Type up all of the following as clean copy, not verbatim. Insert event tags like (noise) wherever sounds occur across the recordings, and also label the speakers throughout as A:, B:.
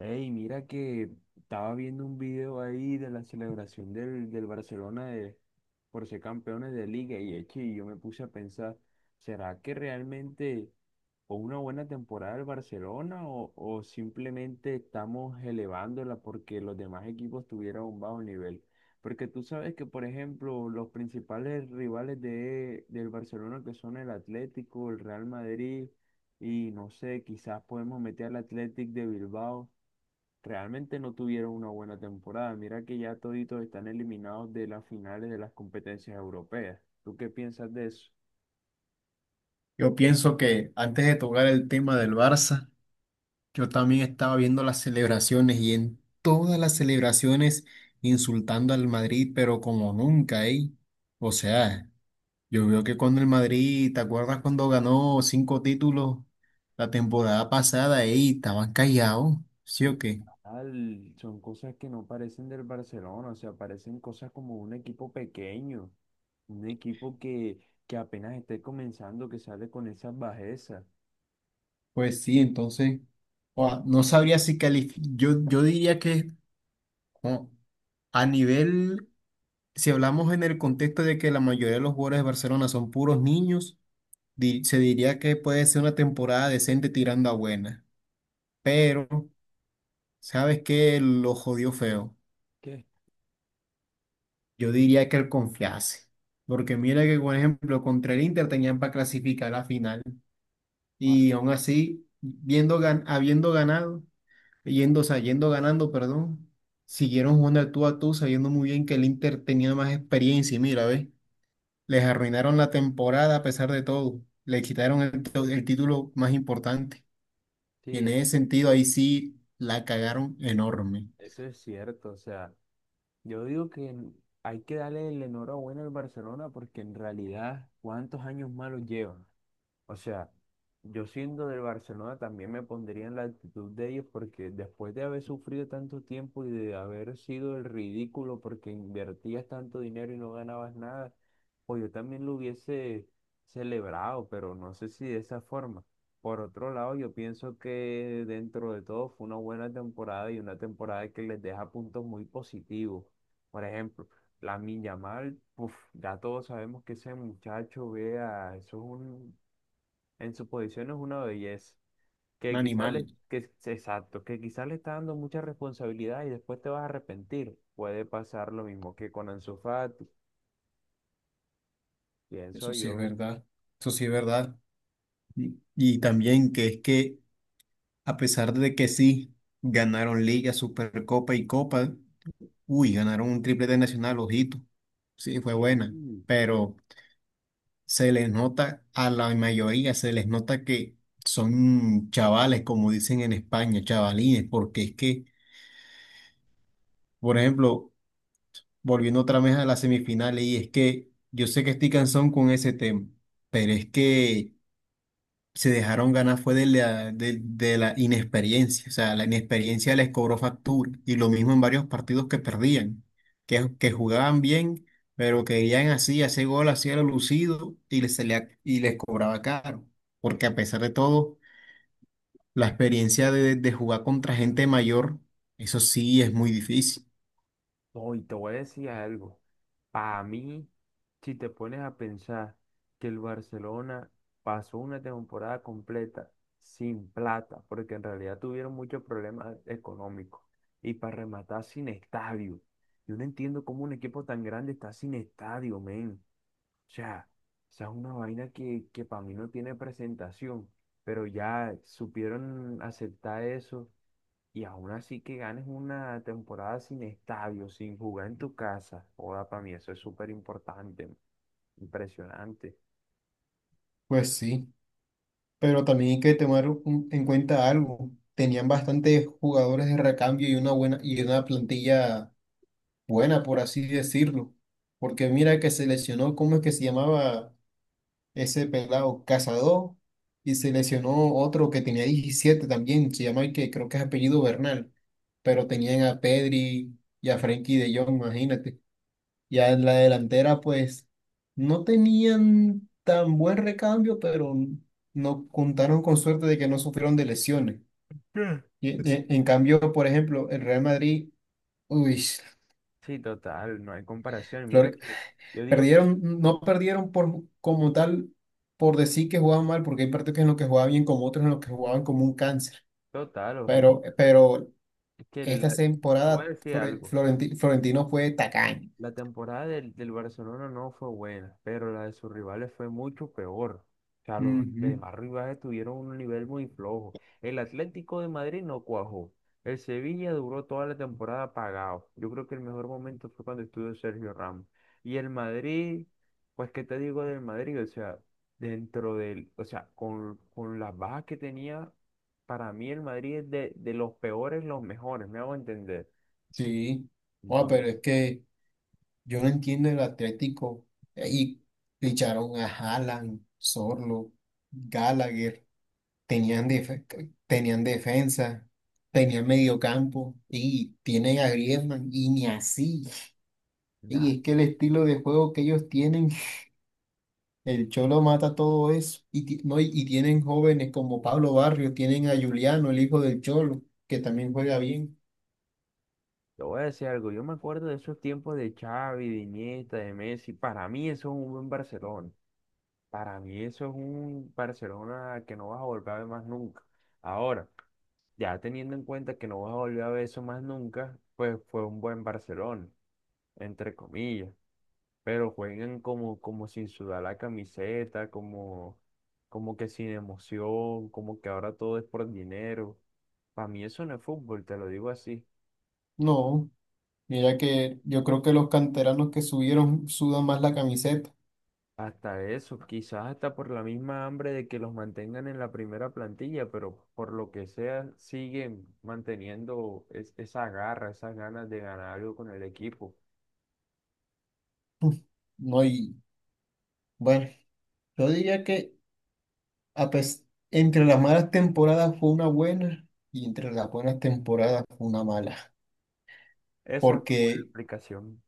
A: Hey, mira que estaba viendo un video ahí de la celebración del Barcelona por ser campeones de liga y yo me puse a pensar, ¿será que realmente fue una buena temporada del Barcelona o simplemente estamos elevándola porque los demás equipos tuvieron un bajo nivel? Porque tú sabes que, por ejemplo, los principales rivales del Barcelona que son el Atlético, el Real Madrid y no sé, quizás podemos meter al Athletic de Bilbao realmente no tuvieron una buena temporada. Mira que ya toditos están eliminados de las finales de las competencias europeas. ¿Tú qué piensas de eso?
B: Yo pienso que antes de tocar el tema del Barça, yo también estaba viendo las celebraciones y en todas las celebraciones insultando al Madrid, pero como nunca, ¿eh? O sea, yo veo que cuando el Madrid, ¿te acuerdas cuando ganó cinco títulos la temporada pasada, eh? Estaban callados, ¿sí o qué?
A: Total, son cosas que no parecen del Barcelona, o sea, parecen cosas como un equipo pequeño, un equipo que apenas esté comenzando, que sale con esas bajezas.
B: Pues sí, entonces, ua, no sabría si calificar, yo diría que... oh, a nivel. Si hablamos en el contexto de que la mayoría de los jugadores de Barcelona son puros niños, se diría que puede ser una temporada decente tirando a buena. Pero, ¿sabes qué? Lo jodió feo.
A: ¿Qué?
B: Yo diría que él confiase. Porque mira que, por ejemplo, contra el Inter tenían para clasificar a la final.
A: Ah,
B: Y aún así, habiendo ganado, yendo, o sea, yendo ganando, perdón, siguieron jugando al tú a tú, sabiendo muy bien que el Inter tenía más experiencia. Y mira, ¿ves? Les arruinaron la temporada a pesar de todo. Le quitaron el título más importante. Y en
A: sí,
B: ese sentido, ahí sí la cagaron enorme.
A: eso es cierto, o sea, yo digo que hay que darle el enhorabuena al Barcelona porque en realidad, ¿cuántos años malos lleva? O sea, yo siendo del Barcelona también me pondría en la actitud de ellos porque después de haber sufrido tanto tiempo y de haber sido el ridículo porque invertías tanto dinero y no ganabas nada, pues yo también lo hubiese celebrado, pero no sé si de esa forma. Por otro lado, yo pienso que dentro de todo fue una buena temporada y una temporada que les deja puntos muy positivos. Por ejemplo, la Yamal, uf, ya todos sabemos que ese muchacho, vea, eso es un en su posición es una belleza.
B: Un
A: Que quizás le,
B: animal.
A: que, exacto, que quizás le está dando mucha responsabilidad y después te vas a arrepentir. Puede pasar lo mismo que con Ansu Fati, pienso
B: Eso sí es
A: yo.
B: verdad. Eso sí es verdad. Y también que es que, a pesar de que sí ganaron Liga, Supercopa y Copa, uy, ganaron un triplete nacional, ojito. Sí, fue
A: Sí,
B: buena. Pero, se les nota, a la mayoría se les nota que son chavales, como dicen en España, chavalines, porque es que, por ejemplo, volviendo otra vez a las semifinales, y es que yo sé que estoy cansón con ese tema, pero es que se dejaron ganar fue de la inexperiencia, o sea, la inexperiencia les cobró factura y lo mismo en varios partidos que perdían, que jugaban bien, pero querían así, hacer gol, hacía lo lucido y les, y les cobraba caro, porque a pesar de todo, la experiencia de jugar contra gente mayor, eso sí es muy difícil.
A: hoy te voy a decir algo. Para mí, si te pones a pensar que el Barcelona pasó una temporada completa sin plata, porque en realidad tuvieron muchos problemas económicos, y para rematar sin estadio. Yo no entiendo cómo un equipo tan grande está sin estadio, men. O sea, esa es una vaina que para mí no tiene presentación, pero ya supieron aceptar eso y aún así que ganes una temporada sin estadio, sin jugar en tu casa. Joda, para mí eso es súper importante, impresionante.
B: Pues sí, pero también hay que tomar en cuenta algo. Tenían bastantes jugadores de recambio y una plantilla buena, por así decirlo. Porque mira que se lesionó, ¿cómo es que se llamaba ese pelado? Cazador. Y se lesionó otro que tenía 17 también, se llama, que creo que es apellido Bernal. Pero tenían a Pedri y a Frenkie de Jong, imagínate. Ya en la delantera, pues, no tenían tan buen recambio, pero no contaron con suerte de que no sufrieron de lesiones.
A: Eh,
B: Y,
A: eso-
B: en cambio, por ejemplo, el Real Madrid, uy,
A: Sí, total, no hay comparación. Mira
B: Flor-
A: que yo digo que
B: perdieron, no perdieron por, como tal por decir que jugaban mal, porque hay partidos en los que jugaban bien, como otros en los que jugaban como un cáncer.
A: total, horrible.
B: Pero
A: Es que
B: esta
A: la- te voy a
B: temporada
A: decir algo.
B: Florentino fue tacaño.
A: La temporada del Barcelona no fue buena, pero la de sus rivales fue mucho peor. O sea, los
B: Ujú.
A: demás rivales tuvieron un nivel muy flojo. El Atlético de Madrid no cuajó. El Sevilla duró toda la temporada apagado. Yo creo que el mejor momento fue cuando estuvo Sergio Ramos. Y el Madrid, pues, ¿qué te digo del Madrid? O sea, dentro del, o sea, con las bajas que tenía, para mí el Madrid es de los peores, los mejores, me hago entender.
B: Sí. Oh, pero
A: Entonces,
B: es que yo no entiendo el Atlético. Y ficharon a Haaland, Sorlo, Gallagher, tenían, tenían defensa, tenían mediocampo y tienen a Griezmann y ni así. Y es que
A: nada.
B: el estilo de juego que ellos tienen, el
A: Sí.
B: Cholo mata todo eso. Y, ti- no, y tienen jóvenes como Pablo Barrio, tienen a Juliano, el hijo del Cholo, que también juega bien.
A: Te voy a decir algo, yo me acuerdo de esos tiempos de Xavi, de Iniesta, de Messi. Para mí eso es un buen Barcelona. Para mí eso es un Barcelona que no vas a volver a ver más nunca. Ahora, ya teniendo en cuenta que no vas a volver a ver eso más nunca, pues fue un buen Barcelona, entre comillas. Pero juegan como, como sin sudar la camiseta, como, como que sin emoción, como que ahora todo es por dinero. Para mí eso no es fútbol, te lo digo así.
B: No, mira que yo creo que los canteranos que subieron sudan más la camiseta.
A: Hasta eso, quizás hasta por la misma hambre de que los mantengan en la primera plantilla, pero por lo que sea, siguen manteniendo esa garra, esas ganas de ganar algo con el equipo.
B: (laughs) No, y bueno, yo diría que a pes- entre las malas temporadas fue una buena y entre las buenas temporadas fue una mala.
A: Esa es una buena
B: Porque
A: explicación.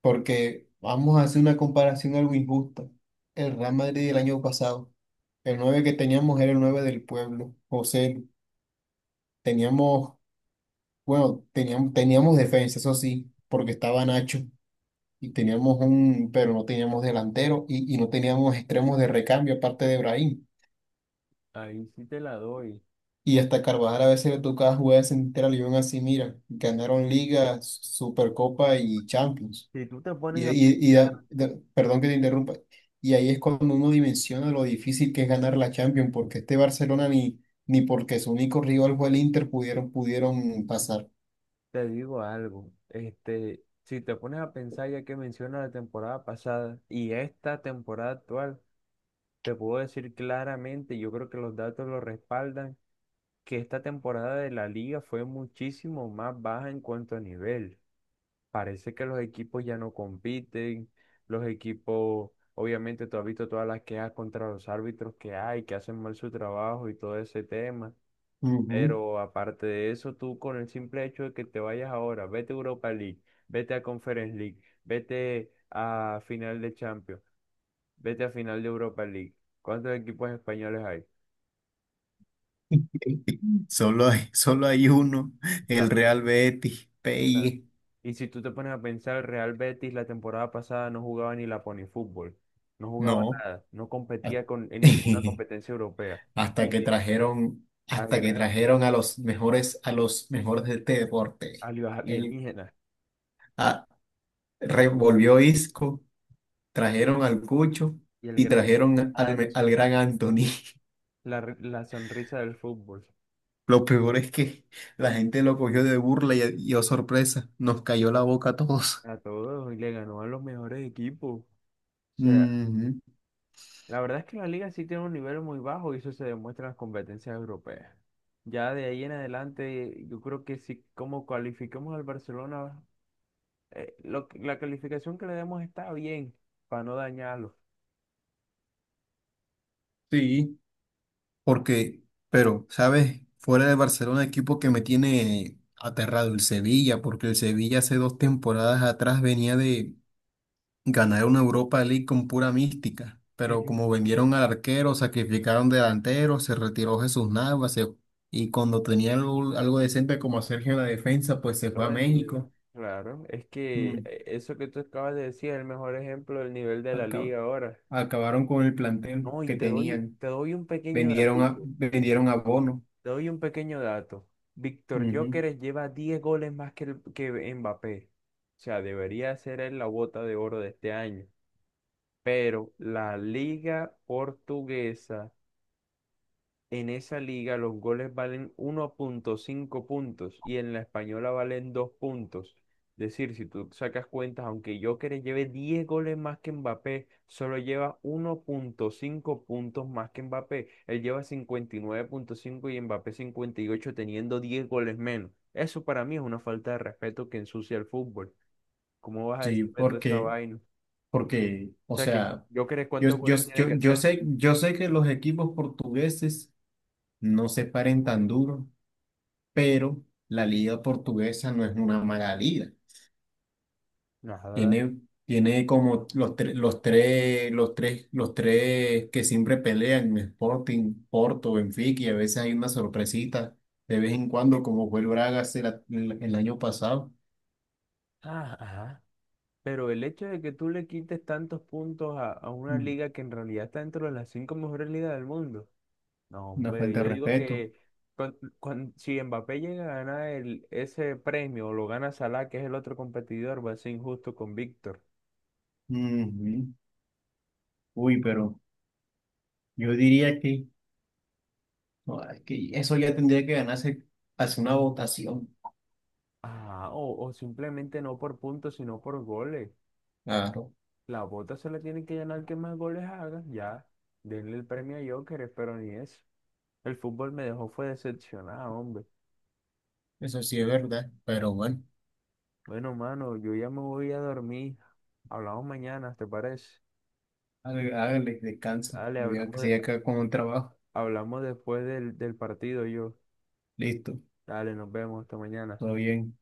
B: Porque vamos a hacer una comparación algo injusta. El Real Madrid del año pasado, el 9 que teníamos era el 9 del pueblo, José. Teníamos, bueno, teníamos defensa, eso sí, porque estaba Nacho y teníamos un, pero no teníamos delantero y no teníamos extremos de recambio aparte de Brahim.
A: Ahí sí te la doy.
B: Y hasta Carvajal a veces le tocaba jugar de central y aún así, mira, ganaron Liga, Supercopa y Champions.
A: Si tú te pones a pensar,
B: Perdón que te interrumpa. Y ahí es cuando uno dimensiona lo difícil que es ganar la Champions, porque este Barcelona ni porque su único rival fue el Inter pudieron pasar.
A: te digo algo. Este, si te pones a pensar, ya que menciona la temporada pasada y esta temporada actual, te puedo decir claramente, yo creo que los datos lo respaldan que esta temporada de la liga fue muchísimo más baja en cuanto a nivel. Parece que los equipos ya no compiten, los equipos, obviamente tú has visto todas las quejas contra los árbitros que hay, que hacen mal su trabajo y todo ese tema.
B: Ujú.
A: Pero aparte de eso, tú con el simple hecho de que te vayas ahora, vete a Europa League, vete a Conference League, vete a final de Champions, vete a final de Europa League. ¿Cuántos equipos españoles hay?
B: (laughs) Solo hay uno, el
A: Exacto,
B: Real Betis,
A: exacto.
B: PI.
A: Y si tú te pones a pensar, el Real Betis la temporada pasada no jugaba ni la fútbol, no jugaba
B: No.
A: nada, no competía con, en ninguna
B: (laughs)
A: competencia europea. Y que al
B: Hasta que
A: gran,
B: trajeron a los mejores de este
A: a
B: deporte.
A: los
B: El,
A: alienígenas
B: ah, revolvió Isco, trajeron al Cucho
A: y el
B: y
A: gran
B: trajeron al gran
A: Anthony,
B: Anthony. (laughs)
A: la, la sonrisa del fútbol,
B: Lo peor es que la gente lo cogió de burla y oh sorpresa, nos cayó la boca a todos.
A: a todos y le ganó a los mejores equipos. O sea,
B: Ujú.
A: la verdad es que la liga sí tiene un nivel muy bajo y eso se demuestra en las competencias europeas. Ya de ahí en adelante, yo creo que si como cualificamos al Barcelona la calificación que le demos está bien, para no dañarlo.
B: Sí, porque, pero, ¿sabes? Fuera de Barcelona, equipo que me tiene aterrado, el Sevilla, porque el Sevilla hace dos temporadas atrás venía de ganar una Europa League con pura mística, pero
A: Eh,
B: como vendieron al arquero, sacrificaron delanteros, se retiró Jesús Navas y cuando tenía algo, algo decente como Sergio en la defensa, pues se
A: lo
B: fue a México.
A: vendieron. Claro, es que
B: Mm,
A: eso que tú acabas de decir es el mejor ejemplo del nivel de la
B: acab-
A: liga ahora.
B: acabaron con el plantel
A: No, y
B: que
A: te doy,
B: tenían,
A: te doy un pequeño datico,
B: vendieron a Bono.
A: te doy un pequeño dato. Víctor
B: Ujú.
A: Gyökeres lleva 10 goles más que, que Mbappé. O sea, debería ser él la bota de oro de este año. Pero la liga portuguesa en esa liga los goles valen 1,5 puntos y en la española valen 2 puntos. Es decir, si tú sacas cuentas, aunque Joker lleve 10 goles más que Mbappé, solo lleva 1,5 puntos más que Mbappé. Él lleva 59,5 y Mbappé 58 teniendo 10 goles menos. Eso para mí es una falta de respeto que ensucia el fútbol. ¿Cómo vas a
B: Sí,
A: decirme toda esa
B: porque,
A: vaina? O
B: porque, o
A: sea que
B: sea,
A: Joker, ¿cuántos goles tiene que hacer?
B: yo sé que los equipos portugueses no se paren tan duro, pero la liga portuguesa no es una mala liga.
A: Nada.
B: Tiene, tiene como los, los tres que siempre pelean, Sporting, Porto, Benfica, y a veces hay una sorpresita de vez en cuando, como fue el Braga el año pasado.
A: Ah, ajá. Pero el hecho de que tú le quites tantos puntos a una
B: Mm.
A: liga que en realidad está dentro de las 5 mejores ligas del mundo. No,
B: Una
A: hombre,
B: falta de
A: yo digo
B: respeto.
A: que cuan- cuan- si Mbappé llega a ganar el, ese premio o lo gana Salah, que es el otro competidor, va a ser injusto con Víctor.
B: Ujú. Uy, pero yo diría que, no, es que eso ya tendría que ganarse hace una votación.
A: Ah, o simplemente no por puntos, sino por goles.
B: Claro,
A: La bota se la tiene que ganar que más goles haga, ya. Denle el premio a Joker, pero ni eso. El fútbol me dejó fue decepcionado, hombre.
B: eso sí es verdad, pero bueno.
A: Bueno, mano, yo ya me voy a dormir. Hablamos mañana, ¿te parece?
B: Hágale, hágale, descansa
A: Dale,
B: y vea
A: hablamos,
B: que
A: de-
B: se acá con un trabajo.
A: hablamos después del partido yo.
B: Listo,
A: Dale, nos vemos hasta mañana.
B: todo bien.